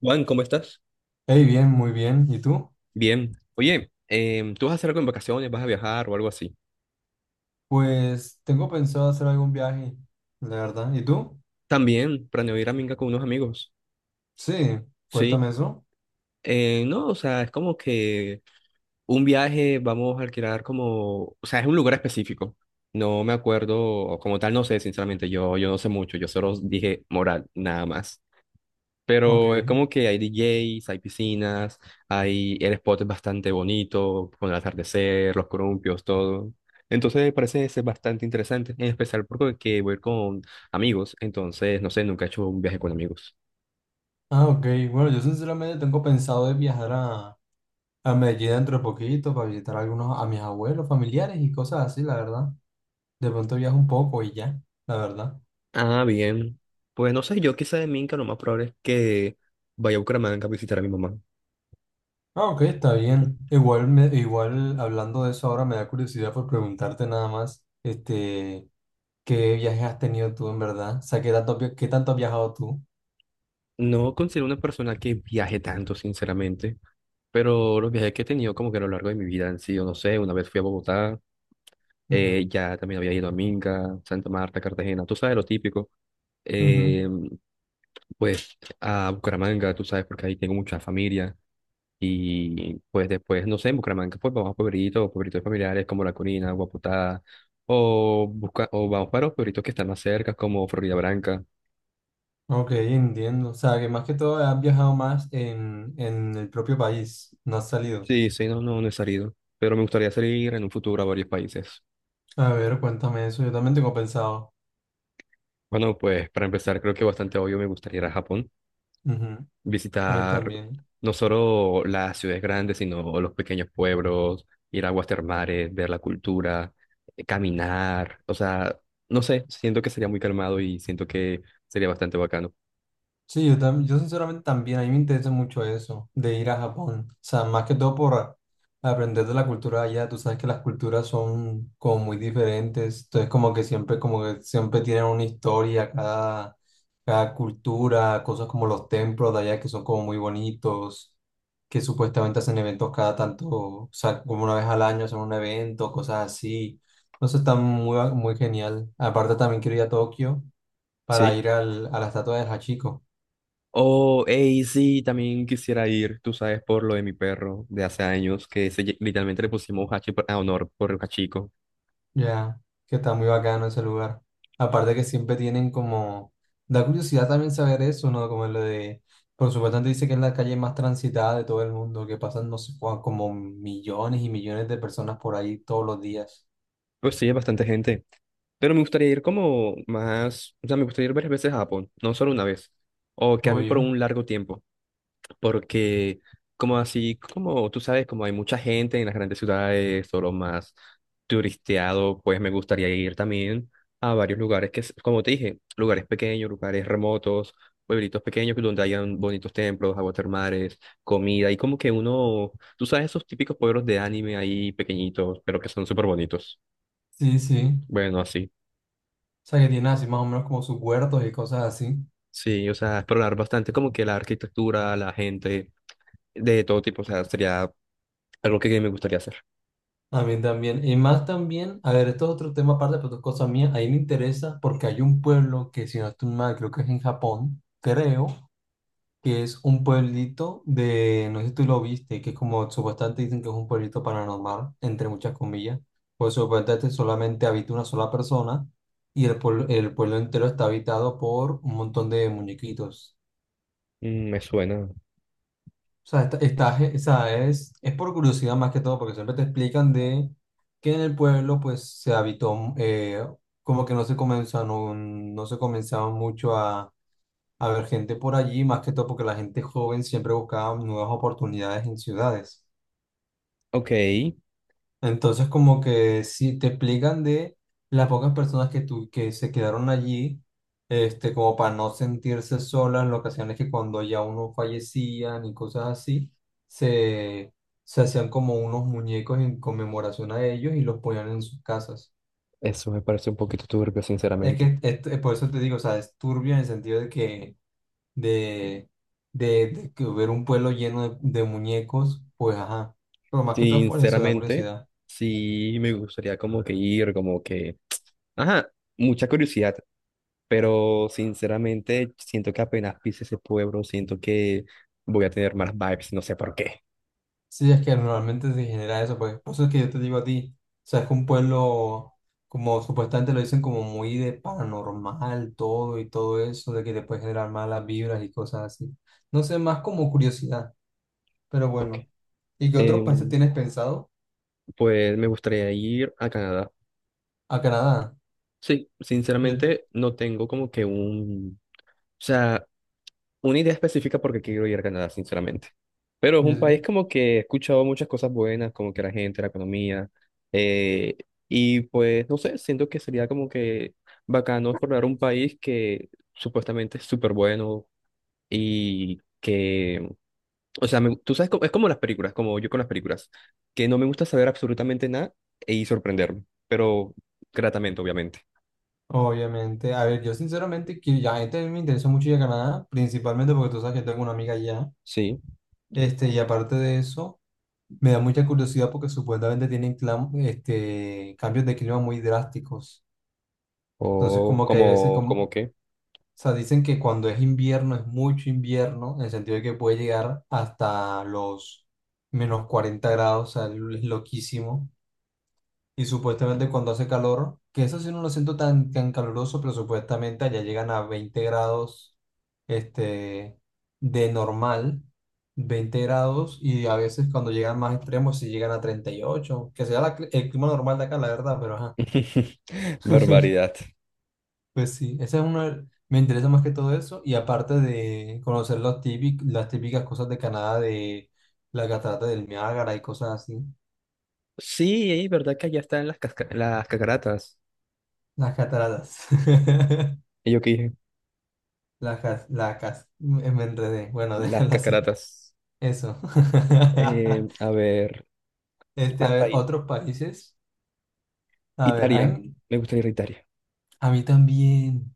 Juan, ¿cómo estás? Hey, bien, muy bien. ¿Y tú? Bien. Oye, ¿tú vas a hacer algo en vacaciones? ¿Vas a viajar o algo así? Pues tengo pensado hacer algún viaje, la verdad. ¿Y tú? También planeo ir a Minga con unos amigos. Sí, Sí. cuéntame eso. No, o sea, es como que un viaje vamos a alquilar, como, o sea, es un lugar específico. No me acuerdo, como tal, no sé, sinceramente, yo no sé mucho, yo solo dije moral, nada más. Ok. Pero es como que hay DJs, hay piscinas, hay, el spot es bastante bonito, con el atardecer, los columpios, todo. Entonces me parece ser bastante interesante, en especial porque voy a ir con amigos, entonces no sé, nunca he hecho un viaje con amigos. Ah, ok. Bueno, yo sinceramente tengo pensado de viajar a Medellín dentro de poquito para visitar a algunos, a mis abuelos, familiares y cosas así, la verdad. De pronto viajo un poco y ya, la verdad. Ah, bien. Pues no sé, yo quizá de Minca lo más probable es que vaya a Bucaramanga a visitar a mi mamá. Ah, ok, está bien. Igual, hablando de eso ahora me da curiosidad por preguntarte nada más, este, ¿qué viajes has tenido tú en verdad? O sea, ¿qué tanto has viajado tú? No considero una persona que viaje tanto, sinceramente, pero los viajes que he tenido como que a lo largo de mi vida han sido, no sé, una vez fui a Bogotá. Ya también había ido a Minca, Santa Marta, Cartagena, tú sabes, lo típico. Ujú. Eh, pues a Bucaramanga, tú sabes, porque ahí tengo mucha familia. Y pues después, no sé, en Bucaramanga, pues vamos a pueblitos, pueblitos familiares como La Corina, Guaputá, o, busca, o vamos para los pueblitos que están más cerca, como Florida Branca. Ok, entiendo. O sea, que más que todo has viajado más en el propio país, no has salido. Sí, sí, no, no, no he salido, pero me gustaría salir en un futuro a varios países. A ver, cuéntame eso, yo también tengo pensado. Bueno, pues para empezar, creo que bastante obvio me gustaría ir a Japón. Ujú. A mí Visitar también. no solo las ciudades grandes, sino los pequeños pueblos, ir a aguas termales, ver la cultura, caminar, o sea, no sé, siento que sería muy calmado y siento que sería bastante bacano. Sí, yo sinceramente también, a mí me interesa mucho eso, de ir a Japón. O sea, más que todo por aprender de la cultura de allá. Tú sabes que las culturas son como muy diferentes. Entonces, como que siempre tienen una historia, cada cultura, cosas como los templos de allá que son como muy bonitos, que supuestamente hacen eventos cada tanto, o sea, como una vez al año hacen un evento, cosas así. Entonces, está muy, muy genial. Aparte, también quiero ir a Tokio para Sí. ir a la estatua de Hachiko. Oh, hey, sí, también quisiera ir, tú sabes, por lo de mi perro de hace años, que literalmente le pusimos Hachi a honor por el Hachico. Ya, que está muy bacano ese lugar. Aparte que siempre tienen como. Da curiosidad también saber eso, ¿no? Como lo de. Por supuesto, antes dice que es la calle más transitada de todo el mundo, que pasan, no sé, como millones y millones de personas por ahí todos los días. Pues sí, es bastante gente. Pero me gustaría ir como más, o sea, me gustaría ir varias veces a Japón, no solo una vez, o quedarme por Oye. un largo tiempo. Porque, como así, como tú sabes, como hay mucha gente en las grandes ciudades o lo más turisteado, pues me gustaría ir también a varios lugares que, como te dije, lugares pequeños, lugares remotos, pueblitos pequeños donde hayan bonitos templos, aguas termales, comida y como que uno, tú sabes, esos típicos pueblos de anime ahí pequeñitos, pero que son súper bonitos. Sí, sí. Bueno, así. O sea, que tiene así más o menos como sus huertos y cosas así. Sí, o sea, explorar bastante como que la arquitectura, la gente, de todo tipo, o sea, sería algo que me gustaría hacer. A mí también. Y más también, a ver, esto es otro tema aparte, pero esto es cosa mía. Ahí me interesa porque hay un pueblo que, si no estoy mal, creo que es en Japón, creo que es un pueblito de, no sé si tú lo viste, que es como supuestamente dicen que es un pueblito paranormal, entre muchas comillas, pues supuestamente solamente habita una sola persona y el pueblo entero está habitado por un montón de muñequitos. Mm, me suena. O sea, o sea, es por curiosidad más que todo, porque siempre te explican de que en el pueblo pues se habitó, como que no se comenzaron mucho a ver gente por allí, más que todo porque la gente joven siempre buscaba nuevas oportunidades en ciudades. Ok, Entonces, como que si te explican de las pocas personas que se quedaron allí, como para no sentirse solas, lo que hacían es que cuando ya uno fallecía y cosas así, se, se hacían como unos muñecos en conmemoración a ellos y los ponían en sus casas. eso me parece un poquito turbio, Es sinceramente. que por eso te digo, o sea, es turbio en el sentido de, de, de que ver un pueblo lleno de muñecos, pues ajá. Pero más que todo es por eso, da Sinceramente, curiosidad. sí me gustaría como que ir, como que... Ajá, mucha curiosidad, pero sinceramente siento que apenas pise ese pueblo, siento que voy a tener malas vibes, no sé por qué. Sí, es que normalmente se genera eso, pues por eso es que yo te digo a ti, o sea, es que un pueblo, como supuestamente lo dicen, como muy de paranormal, todo y todo eso, de que te puede generar malas vibras y cosas así. No sé, más como curiosidad, pero Ok, bueno. ¿Y qué otros países em, tienes pensado? pues me gustaría ir a Canadá. A Canadá. Sí, Yo, sinceramente no tengo como que un... O sea, una idea específica porque quiero ir a Canadá, sinceramente. Pero es un sí. país como que he escuchado muchas cosas buenas, como que la gente, la economía, eh, y pues no sé, siento que sería como que bacano explorar un país que supuestamente es súper bueno y que, o sea, tú sabes, es como las películas, como yo con las películas, que no me gusta saber absolutamente nada y sorprenderme, pero gratamente, obviamente. Obviamente, a ver, yo sinceramente, que ya a mí me interesa mucho ir a Canadá, principalmente porque tú sabes que tengo una amiga allá, Sí, y aparte de eso, me da mucha curiosidad porque supuestamente tienen cambios de clima muy drásticos. Entonces, o como que hay veces, como, como, o como que. sea, dicen que cuando es invierno es mucho invierno, en el sentido de que puede llegar hasta los -40 grados, o sea, es loquísimo. Y supuestamente cuando hace calor, que eso sí no lo siento tan, tan caluroso, pero supuestamente allá llegan a 20 grados este, de normal, 20 grados, y a veces cuando llegan más extremos, si llegan a 38 que sea la el clima normal de acá, la verdad, pero ajá. Barbaridad. Pues sí, ese es una, me interesa más que todo eso, y aparte de conocer los las típicas cosas de Canadá, de la catarata del Niágara y cosas así, Sí, es verdad que allá están las, las cacaratas. las cataratas. Y yo qué dije, la cas, me me enredé. Bueno, las déjalo así. cacaratas. Eso. A ver, ¿qué A más ver, país? otros países. A ver, a Italia. mí, Me gustaría ir a Italia. a mí también.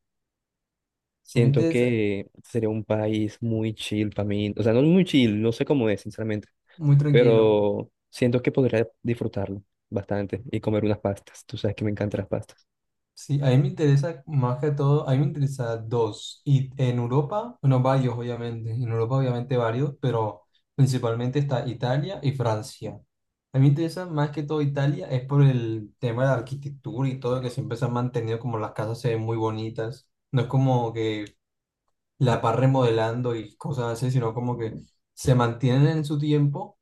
A mí me Siento interesa, que sería un país muy chill para mí. O sea, no muy chill, no sé cómo es, sinceramente. muy tranquilo. Pero siento que podría disfrutarlo bastante y comer unas pastas. Tú sabes que me encantan las pastas. Sí, a mí me interesa más que todo, a mí me interesa dos. Y en Europa, bueno, varios, obviamente. En Europa, obviamente, varios, pero principalmente está Italia y Francia. A mí me interesa más que todo Italia, es por el tema de la arquitectura y todo, que siempre se han mantenido como las casas se ven muy bonitas. No es como que la va remodelando y cosas así, sino como que se mantienen en su tiempo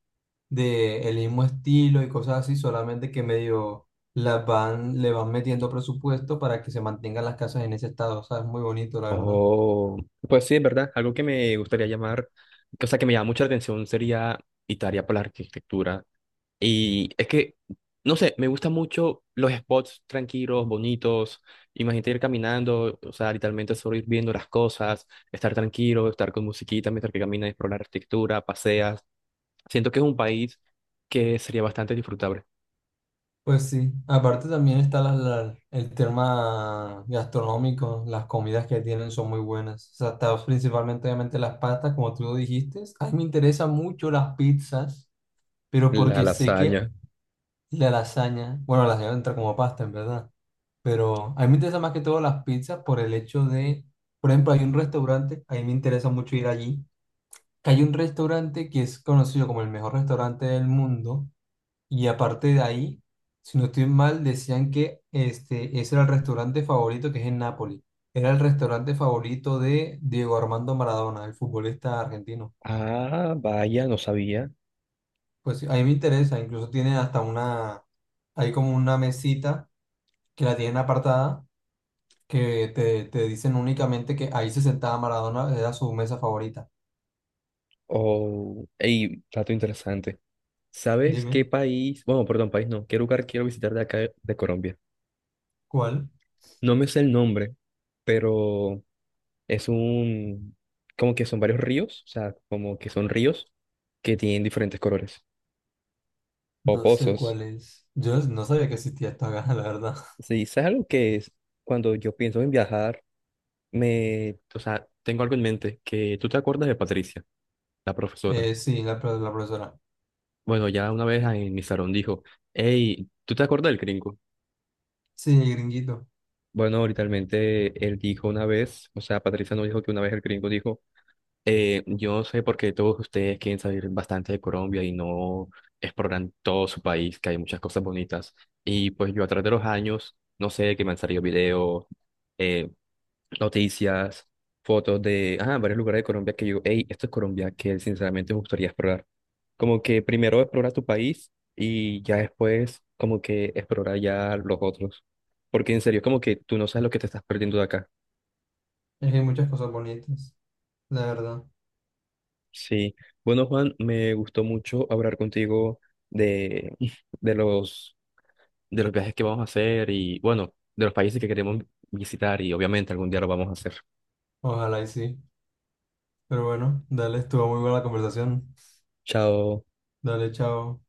de el mismo estilo y cosas así, solamente que medio las van, le van metiendo presupuesto para que se mantengan las casas en ese estado, o sea, es muy bonito, la verdad. Oh, pues sí, es verdad. Algo que me gustaría llamar, o sea, que me llama mucha atención sería Italia por la arquitectura. Y es que, no sé, me gustan mucho los spots tranquilos, bonitos. Imagínate ir caminando, o sea, literalmente solo ir viendo las cosas, estar tranquilo, estar con musiquita mientras que caminas, explorar la arquitectura, paseas. Siento que es un país que sería bastante disfrutable. Pues sí, aparte también está el tema gastronómico, las comidas que tienen son muy buenas, o sea, está principalmente obviamente las pastas, como tú lo dijiste, a mí me interesan mucho las pizzas, pero La porque sé que. lasaña. Y la lasaña, bueno, la lasaña entra como pasta, en verdad. Pero a mí me interesa más que todo las pizzas por el hecho de, por ejemplo, hay un restaurante, a mí me interesa mucho ir allí, que hay un restaurante que es conocido como el mejor restaurante del mundo. Y aparte de ahí, si no estoy mal, decían que ese era el restaurante favorito que es en Nápoles. Era el restaurante favorito de Diego Armando Maradona, el futbolista argentino. Ah, vaya, no sabía. Pues sí, a mí me interesa, incluso tiene hasta una, hay como una mesita que la tienen apartada que te dicen únicamente que ahí se sentaba Maradona, era su mesa favorita. Oh, ey, dato interesante. ¿Sabes qué Dime, país? Bueno, perdón, país no. ¿Qué lugar quiero visitar de acá de Colombia? ¿cuál? No me sé el nombre, pero es un, como que son varios ríos, o sea, como que son ríos que tienen diferentes colores o No sé pozos. cuál es. Yo no sabía que existía esta gana, la verdad. Sí, es algo que es, cuando yo pienso en viajar, me, o sea, tengo algo en mente, que tú te acuerdas de Patricia, la profesora. Sí, la profesora. Bueno, ya una vez en mi salón dijo, hey, ¿tú te acuerdas del gringo? Sí, el gringuito. Bueno, literalmente él dijo una vez, o sea, Patricia no dijo que una vez el gringo dijo. Yo sé porque todos ustedes quieren salir bastante de Colombia y no exploran todo su país, que hay muchas cosas bonitas. Y pues yo a través de los años, no sé, que me han salido videos, eh, noticias, fotos de ah, varios lugares de Colombia que yo, hey, esto es Colombia, que sinceramente me gustaría explorar. Como que primero explora tu país y ya después como que explora ya los otros. Porque en serio, como que tú no sabes lo que te estás perdiendo de acá. Es que hay muchas cosas bonitas, la verdad. Sí, bueno Juan, me gustó mucho hablar contigo de, de los, de los viajes que vamos a hacer y bueno, de los países que queremos visitar y obviamente algún día lo vamos a hacer. Ojalá y sí. Pero bueno, dale, estuvo muy buena la conversación. Chao. Dale, chao.